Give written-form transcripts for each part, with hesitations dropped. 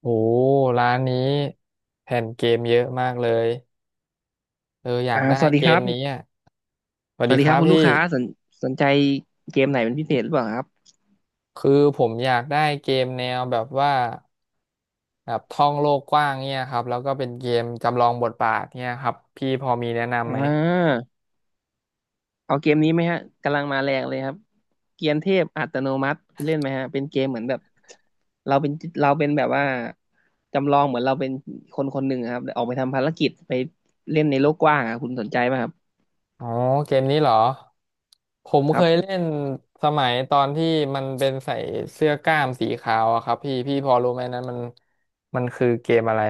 โอ้ร้านนี้แผ่นเกมเยอะมากเลยเอออยากได้สวัสเกดีคมรับ นี้อ่ะสวัสสวัดีสดีคครัรับบคุณพี่ลูกค้าสนใจเกมไหนเป็นพิเศษหรือเปล่าครับคือผมอยากได้เกมแนวแบบว่าแบบท่องโลกกว้างเนี่ยครับแล้วก็เป็นเกมจำลองบทบาทเนี่ยครับพี่พอมีแนะนำอ่ไหมาเอาเกมนี้ไหมฮะกำลังมาแรงเลยครับเกียนเทพอัตโนมัติคุณเล่นไหมฮะเป็นเกมเหมือนแบบเราเป็นเราเป็นแบบว่าจำลองเหมือนเราเป็นคนคนหนึ่งอะครับแต่ออกไปทำภารกิจไปเล่นในโลกกว้างอะคุณสนใจไหมครับอ๋อเกมนี้เหรอผมคเครับ ยเล่นสมัยตอนที่มันเป็นใส่เสื้อกล้ามสีขาวอะครับพี่พอรู้ไหมนั้นมันคือเกมอะไร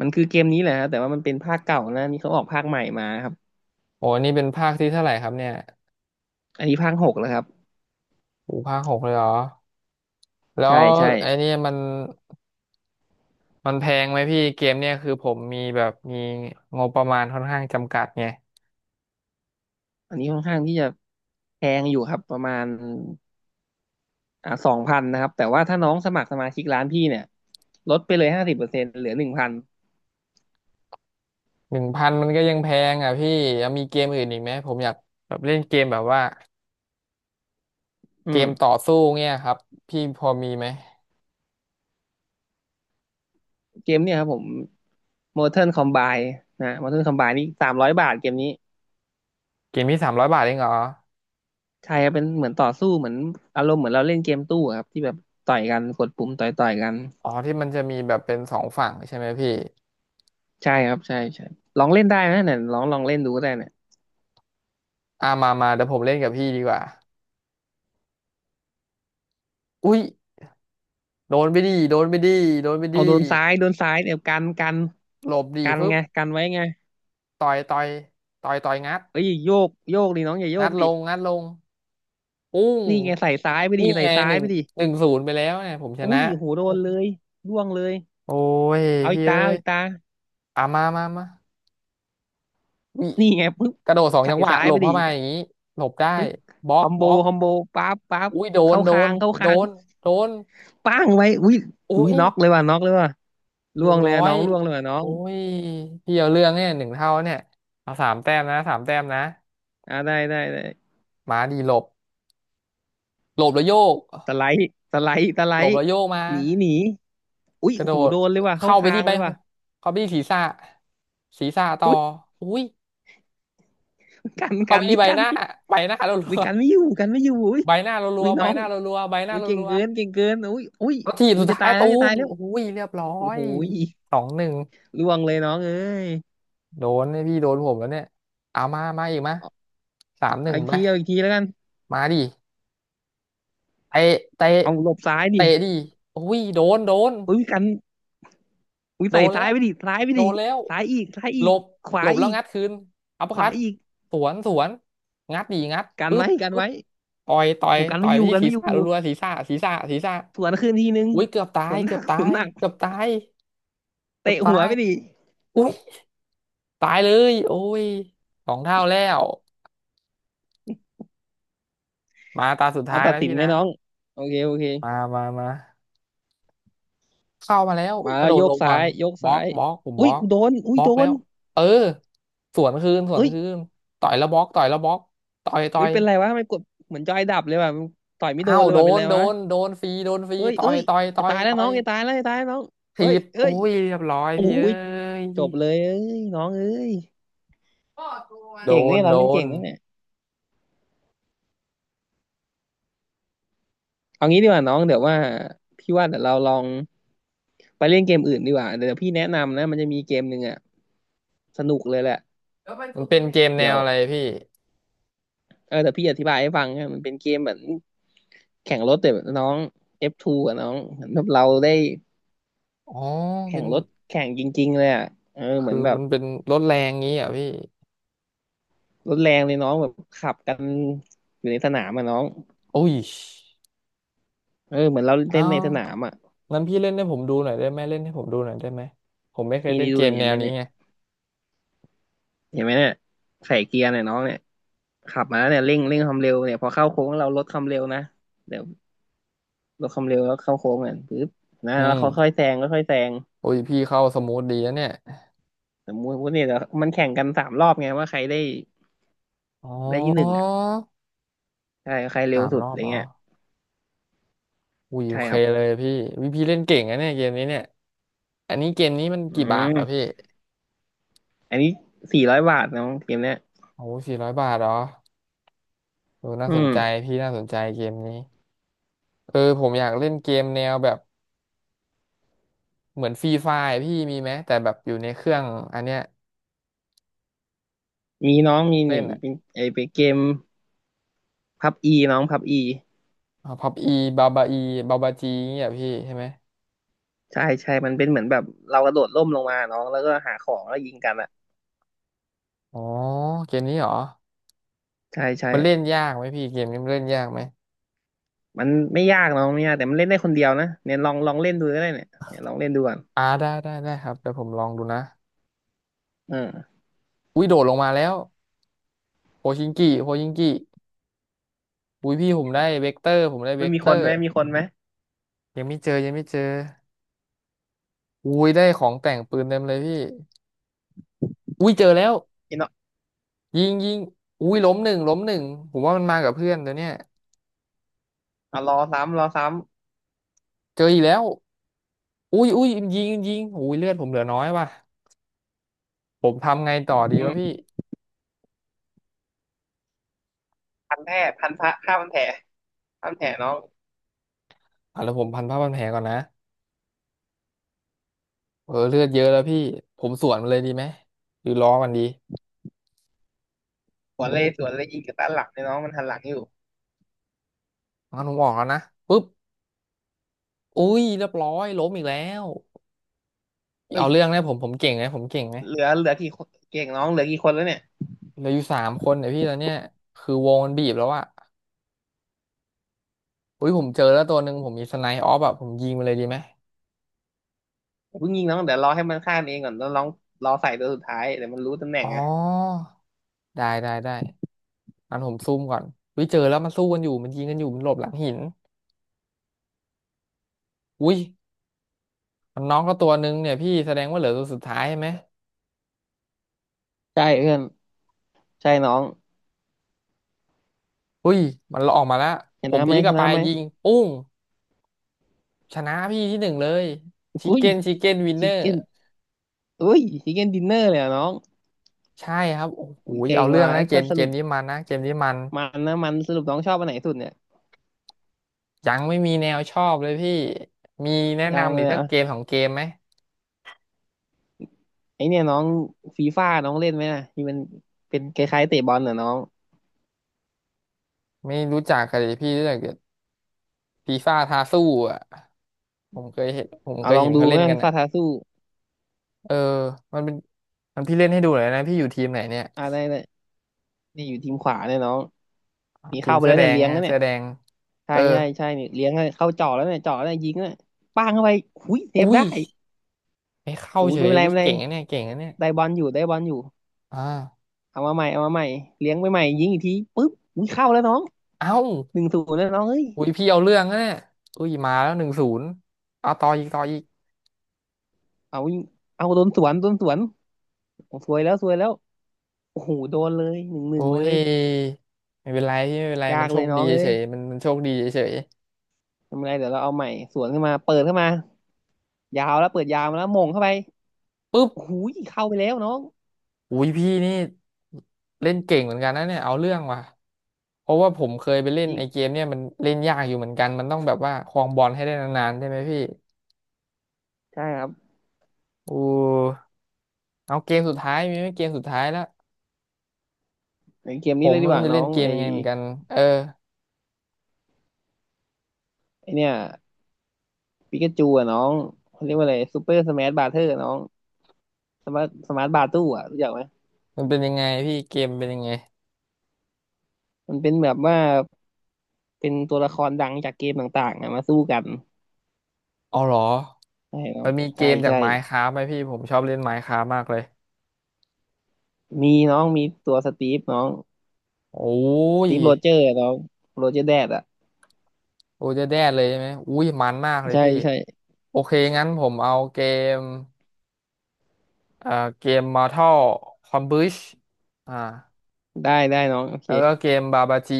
มันคือเกมนี้แหละฮะแต่ว่ามันเป็นภาคเก่านะนี่เขาออกภาคใหม่มาครับโอ้นี่เป็นภาคที่เท่าไหร่ครับเนี่ยอันนี้ภาคหกแล้วครับโอ้ภาค 6เลยเหรอ แล้ใช่วใช่ไอ้เนี่ยมันแพงไหมพี่เกมเนี่ยคือผมมีแบบมีงบประมาณค่อนข้างจำกัดไงอันนี้ค่อนข้างที่จะแพงอยู่ครับประมาณ สองพันนะครับแต่ว่าถ้าน้องสมัครสมาชิกร้านพี่เนี่ยลดไปเลยห้าสิบเปอร์เซ็นต์เหลือหนึ่งพัน1,000มันก็ยังแพงอ่ะพี่ยังมีเกมอื่นอีกไหมผมอยากแบบเล่นเกมแบบว่าเกอืมมต่อสู้เนี่ยครับพี่พอมีไหมเกมเนี่ยครับผม Mortal Kombat นะ Mortal Kombat นี่สามร้อยบาทเกมนี้เกมที่300 บาทเองเหรอใช่ครับเป็นเหมือนต่อสู้เหมือนอารมณ์เหมือนเราเล่นเกมตู้อะครับที่แบบต่อยกันกดปุ่มต่อยกันอ๋อที่มันจะมีแบบเป็นสองฝั่งใช่ไหมพี่ใช่ครับใช่ใช่ลองเล่นได้นะเนี่ยลองเล่นดูก็ได้เนี่ยอ่ามามาเดี๋ยวผมเล่นกับพี่ดีกว่าอุ้ยโดนไปดีโดนไปดีโดนไปดีเอาโดนซ้ายโดนซ้ายเดี๋ยวกันกันหลบดีกันฟึบไงกันไว้ไงต่อยต่อยต่อยต่อยงัดเอ้ยโยกโยกดิน้องอย่าโยงักดลดิงงัดลงปุ้ง นี่ไงใส่ซ้ายไปดินี่ใส่ไงซ้าหยนึ่งไปดิ 1-0ไปแล้วเนี่ยผมชอุ้นะยหูโดโอ้นเลยร่วงเลยยเอาอีพี่กเอ้ตาเอายอีกตาอ่ะมามามาวินี่ไงปึ๊บกระโดดสองใส่จังหวะซ้ายหลไปบดิเข้ามาปอย่างนี้หลบได้ึ๊บบล็อคกอมโบบล็อกคอมโบปั๊บปั๊บอุ้ยโดนเข้าโดคานงเข้าโดคางนโดนป้างไว้อุ้ยอุ้อุ้ยยน็อกเลยว่ะน็อกเลยว่ะเรีร่ยวบงเลร้ยออะน้ยองร่วงเลยว่ะน้องโอ้ยพี่เอาเรื่องเนี่ยหนึ่งเท่าเนี่ยเอาสามแต้มนะสามแต้มนะได้ได้ได้มาดีหลบหลบแล้วโยกสไลด์สไลด์สไลหลบด์แล้วโยกมาหนีหนีอุ้ยกระโดหูดโดนเลยว่ะเข้าเข้าไปคาที่งใบเลยหูว่ะเข้าไปที่ศีรษะศีรษะต่อุ้อยอุ้ย กันเขากันมีนี่ใบกัหนน้านี่ใบหน้ารัอุ้ยวกันไม่อยู่กันไม่อยู่อุ้ยๆใบหน้ารัอุ้วยๆใบน้อหงน้ารัวๆใบหน้าอุ้ยเก่งรัวเกิๆนเก่งเกินอุ้ยอุ้ยแล้วทีบอุ้สุยดจะท้าตายยแล้ตูวจะตามยแล้วโอ้ยเรียบร้อโอ้ยโห2-1ล่วงเลยน้องเอ้ย โดนเนี่ยพี่โดนผมแล้วเนี่ยเอามามาอีกมะสามหนึ่เอางอีกไปทีเอาอีกทีแล้วกันมาดิเตะเตะเอาหลบซ้ายดิเตะดิโอ้ยโดนโดน อุ้ยกันอุ้ยโดใส่นแล้ซ้ายวไปดิซ้ายไปโดดินแล้วซ้ายอีกซ้ายหอีลกบขหวาลบแล้อีวกงัดคืนอัปเปอขร์วาคัตอีกสวนสวนงัดดีงัดกันปึ๊บไว้กันปึ๊บไว้ต่อยต่อโอ้ยโหกันต่อไม่ยอไปยู่ที่กันศีรไม่อยู่ษะรัวๆศีรษะศีรษะศีรษะสวนคืนทีนึงอุ้ยเกือบตาสยวนหเกืนัอบก ตาสวนยหนักเกือบตายเกือบเตะตาหัวยไปดิอุ้ยตายเลยโอ้ย2 เท่าแล้วมาตาสุดเอาท้ายตัดนะสินพี่ไหมนะน้องโอเคโอเคมามามา เข้ามาแล้วมากระแล้โดวดโยลกงก่อซ้านยโยกบล็อซ้ากยบล็อกผมบอุ้ล็ยอกกูโดนอุ้บยล็อกโดแล้นวเออสวนคืนสวนเอ้ยคืนต่อยแล้วบล็อกต่อยแล้วบล็อกต่อยต่เอ้อยยเป็นไรวะไม่กดเหมือนจอยดับเลยว่ะต่อยไม่โดอ้านวเลยโดว่ะเป็นนไรโดวะนโดนฟรีโดนฟรีเอ้ยต่อเอ้ยยต่อยต่จะอยตายแล้วต่อน้อยงจะตายแล้วจะตายแล้วน้องถีเอ้ยบเอ้โอ้ยยเรียบร้อยโอ้พี่เอ้ยยจบเลยเอ้ยน้องเอ้ย โดเก่งนเนี่ยเราโดเล่นนเก่งนะเนี่ยเอางี้ดีกว่าน้องเดี๋ยวว่าพี่ว่าเดี๋ยวเราลองไปเล่นเกมอื่นดีกว่าเดี๋ยวพี่แนะนำนะมันจะมีเกมหนึ่งอ่ะสนุกเลยแหละมันเป็นเกมแนเดี๋ยววอะไรพี่อเดี๋ยวพี่อธิบายให้ฟังนะมันเป็นเกมแบบแข่งรถแต่แบบน้อง F2 อะน้องเหมือนแบบเราได้อ๋อแข่เป็งนรถแข่งจริงๆเลยอ่ะเออเหมืคือนอแบบมันเป็นรถแรงงี้อ่ะพี่รถแรงเลยน้องแบบขับกันอยู่ในสนามอ่ะน้องโอ้ยเออเหมือนเราอ้าเล่นในวสนามอ่ะงั้นพี่เล่นให้ผมดูหน่อยได้ไหมเล่นให้ผมดูหน่อยได้ไหมผมไม่เคยนี่เล่นดูเกมเห็แนนไหวมนี้เนี่ยไงเห็นไหมเนี่ยใส่เกียร์เนี่ยน้องเนี่ย ขับมาเนี่ยเร่งความเร็วเนี่ยพอเข้าโค้งเราลดความเร็วนะเดี๋ยวลดความเร็วแล้วเข้าโค้งอ่ะปึ๊บนะอืแล้วเขาค่อม ยแซงค่อยแซงอุ้ยพี่เข้าสมูทดีนะเนี่ยสมมติเนี่ยเดี๋ยวมันแข่งกันสามรอบไงว่าใครได้อ๋ได้ที่หนึ่งออ่ะใช่ใครเร็วสามสุรดออะบไรอ๋อเงี้ยอุ้ยโอใช่เคครับเลยพี่วิพี่เล่นเก่งนะเนี่ยเกมนี้เนี่ย อันนี้เกมนี้มันอืกี่บาทเหรอพี่มอันนี้สี่ร้อยบาทน้องเกมเนี้ยโอ้400 บาทเหรอดูน่าอืสนมใจพี่น่าสนใจเกมนี้ เออผมอยากเล่นเกมแนวแบบเหมือนฟรีไฟร์พี่มีไหมแต่แบบอยู่ในเครื่องอันเนี้ยมีน้องมีเล่นี่นอะเป็นไอเป็นเกมพับอีน้องพับอีพับอีบาบาอีบาบาจีเนี่ยพี่ใช่ไหมใช่ใช่มันเป็นเหมือนแบบเรากระโดดร่มลงมาน้องแล้วก็หาของแล้วยิงกันอ่ะอ๋อเกมนี้เหรอใช่ใช่ มันเล่นยากไหมพี่เกมนี้มันเล่นยากไหมมันไม่ยากเนาะไม่ยากแต่มันเล่นได้คนเดียวนะเนี่ยลองเล่นดูก็ได้เนี่ยเนี่ยลองเล่นดูก่อนอ่าได้ได้ได้ครับเดี๋ยวผมลองดูนะ เอออุ้ยโดดลงมาแล้วโพชิงกิโพชิงกิอุ้ยพี่ผมได้เวกเตอร์ผมได้เวไม่กมีเตคอนไหร์มมีคนไหมยังไม่เจอยังไม่เจออุ้ยได้ของแต่งปืนเต็มเลยพี่อุ้ยเจอแล้วอิน่ะยิงยิงอุ้ยล้มหนึ่งล้มหนึ่งผมว่ามันมากับเพื่อนตัวเนี้ยอ่ะรอซ้ำรอซ้เจออีกแล้วอุ้ยอุ้ยยิงยิงอุ้ยเลือดผมเหลือน้อยว่ะผมทำไงำต่อดีอืวะมพี่พันแผลพันพระข้าพันแผลข้าพันแผลน้องอ่ะแล้วผมพันผ้าพันแผลก่อนนะเออเลือดเยอะแล้วพี่ผมสวนมันเลยดีไหมหรือล้อมันดีสวนเลยสวนเลยยิงกับด้านหลังเนี่ยน้องมันหันหลังอยู่งั้นผมออกแล้วนะปุ๊บอุ้ยเรียบร้อยล้มอีกแล้วเอ้เอายเรื่องนะผมเก่งไหมผมเก่งไหม เหลือเหลือกี่คนเก่งน้องเหลือกี่คนแล้วเนี่ยเหลืออยู่3 คนเนี่ยพี่ตอนเนี้ยคือวงมันบีบแล้วอะอุ้ยผมเจอแล้วตัวหนึ่งผมมีสไนป์ออฟอะผมยิงมันเลยดีไหมอย่าเพิ่งยิงน้องเดี๋ยวรอให้มันฆ่าเองก่อนแล้วน้องรอใส่ตัวสุดท้ายเดี๋ยวมันรู้ตำแหน่อ๋งออะได้ได้ได้งั้นผมซุ่มก่อนอุ้ยเจอแล้วมันสู้กันอยู่มันยิงกันอยู่มันหลบหลังหินอุ้ยมันน้องก็ตัวหนึ่งเนี่ยพี่แสดงว่าเหลือตัวสุดท้ายใช่ไหมใช่เพื่อนใช่น้องอุ้ยมันออกมาแล้วชผนะมไหพีมกชลับไปนะไหมยิงปุ้งชนะพี่ที่ 1เลยชิคอุ้ยเก้นชิคเก้นวินเนชิอคร์เก้นอุ้ยชิคเก้นดินเนอร์เลยอะน้องใช่ครับโอ้โหอุ้ยเก่เอางเรื่องว่ะนะเอ้ยเกแต่มสเกรุมป นี้มันนะเกมนี้มัน มันนะมันสรุปน้องชอบอันไหนสุดเนี่ยยังไม่มีแนวชอบเลยพี่ มีแนะยังนำเลอีกยสักอ่ะเกมของเกมไหมไอเนี่ยน้องฟีฟ่าน้องเล่นไหมน่ะที่มันเป็นคล้ายๆเตะบอลน่ะน้องไม่รู้จักกันเลยพี่รู้จักแต่ฟีฟ่าทาสู้อ่ะผมเคยเห็นผมเคเอายลอเห็งนดูเขาไหเล่มนกัฟีนอ่ะฟ่าท้าสู้เออมันเป็นมันพี่เล่นให้ดูหน่อยนะพี่อยู่ทีมไหนเนี่ยอะไรเนี่ยนี่อยู่ทีมขวาเนี่ยน้องมีทีเข้ามไปเสื้อแล้วแดเนี่ยงเลี้ยงฮะแล้วเนี่เสื้ยอแดงใช่เออใช่ใช่เนี่ยเลี้ยงแล้วเข้าจ่อแล้วเนี่ยจ่อแล้วเนี่ยยิงแล้วเนะป้างเข้าไปหุยเซฟอุ้ได้ยไม่เข้าหูยเฉไม่ยเป็นไรอุ้ยไม่เป็นไรเก่งนะเนี่ยได้บอลอยู่ได้บอลอยู่อ่าเอามาใหม่เอามาใหม่เลี้ยงไปใหม่ยิงอีกทีปุ๊บหุยเข้าแล้วน้องเอ้าหนึ่งศูนย์แล้วน้องเฮ้ยอุ้ยพี่เอาเรื่องนะเนี่ยอุ้ยมาแล้วหนึ่งศูนย์เอาต่ออีกต่ออีกเอายิงเอาโดนสวนโดนสวนโอ้ซวยแล้วซวยแล้วโอ้โหโดนเลยหนึ่งหนึ่โอ้งเลยย ไม่เป็นไรพี่ไม่เป็นไรยามันกโชเลคยน้ดีองเอ้เฉยยๆมันโชคดีเฉยทำไงเดี๋ยวเราเอาใหม่สวนขึ้นมาเปิดเข้ามายาวแล้วเปิดยาวมาแล้วมงเข้าไปๆปุ๊บ โอ้โหเข้าไปแล้วน้องอุ้ยพี่นี่เล่นเก่งเหมือนกันนะเนี่ยเอาเรื่องว่ะเพราะว่าผมเคยไปเล่นยิงไอ้เกมเนี่ยมันเล่นยากอยู่เหมือนกันมันต้องแบบว่าครองบอลให้ได้นานๆใช่ไหมพี่ใช่ครับอู้เอาเกมสุดท้ายมีไหมเกมสุดท้ายแล้วไอเกมผนี้มเลยดีกไมันว่าจะน้อเล่นงเกมไอยังไงเหมือนกันเออไอเนี่ยปิกาจูอะน้องเขาเรียกว่าอะไรซูเปอร์สมาร์ทบาร์เทอร์น้องสมาร์ทสมาร์ทบาร์ตู้อะรู้จักไหม มันเป็นยังไงพี่เกมเป็นยังไงมันเป็นแบบว่าเป็นตัวละครดังจากเกมต่างๆอะมาสู้กันอ๋อเหรอใช่น้อมังนมีเกใช่มจาก ใช่ Minecraft ไหมพี่ผมชอบเล่น Minecraft มากเลยมีน้องมีตัวสตีฟน้องโอ้สยตีฟโรเจอร์น้องโรเจอร์แดดอะโอ้ยจะแด้เลยใช่ไหมอุ้ยมันมากเลยใช่พี่ใช่โอเคงั้นผมเอาเกม เอ่อเกม Mortal Kombat อ่าได้ได้น้องโอเคแล้วก็เกมบาบาจี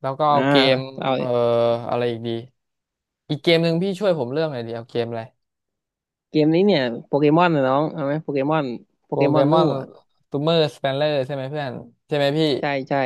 แล้วก็อ่าเอาเกมเอา เอ่ออะไรอีกดี อีกเกมหนึ่งพี่ช่วยผมเลือกหน่อยดีเอาเกมอะไรเกมนี้เนี่ยโปเกมอนนะน้องเอาไหมโปเกมอนโปโปเกเกมอนมอนู่นอ่ะซูเมอร์สเปนเลอร์ใช่ไหมเพื่อน ใช่ไหมพี่ใช่ใช่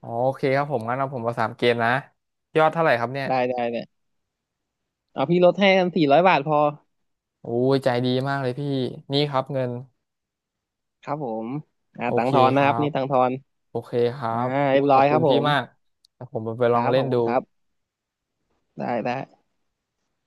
อ๋อโอเคครับผมงั้นเอาผมมา3 เกมนะ ยอดเท่าไหร่ครับเนี่ย ได้ได้เนี่ยเอาพี่ลดให้กันสี่ร้อยบาทพอโอ้ยใจดีมากเลยพี่ นี่ครับเงิน ครับผมโอตังเคค์ทอนคนะครัรับบ นี่ตังค์ทอนโอเคครัอ่าบเรีอุ้ยยบขร้ออยบคคุรับณผพี่มมากเดี๋ยวผมไปคลอรังบขเล่อนบคุดูณครับได้ได้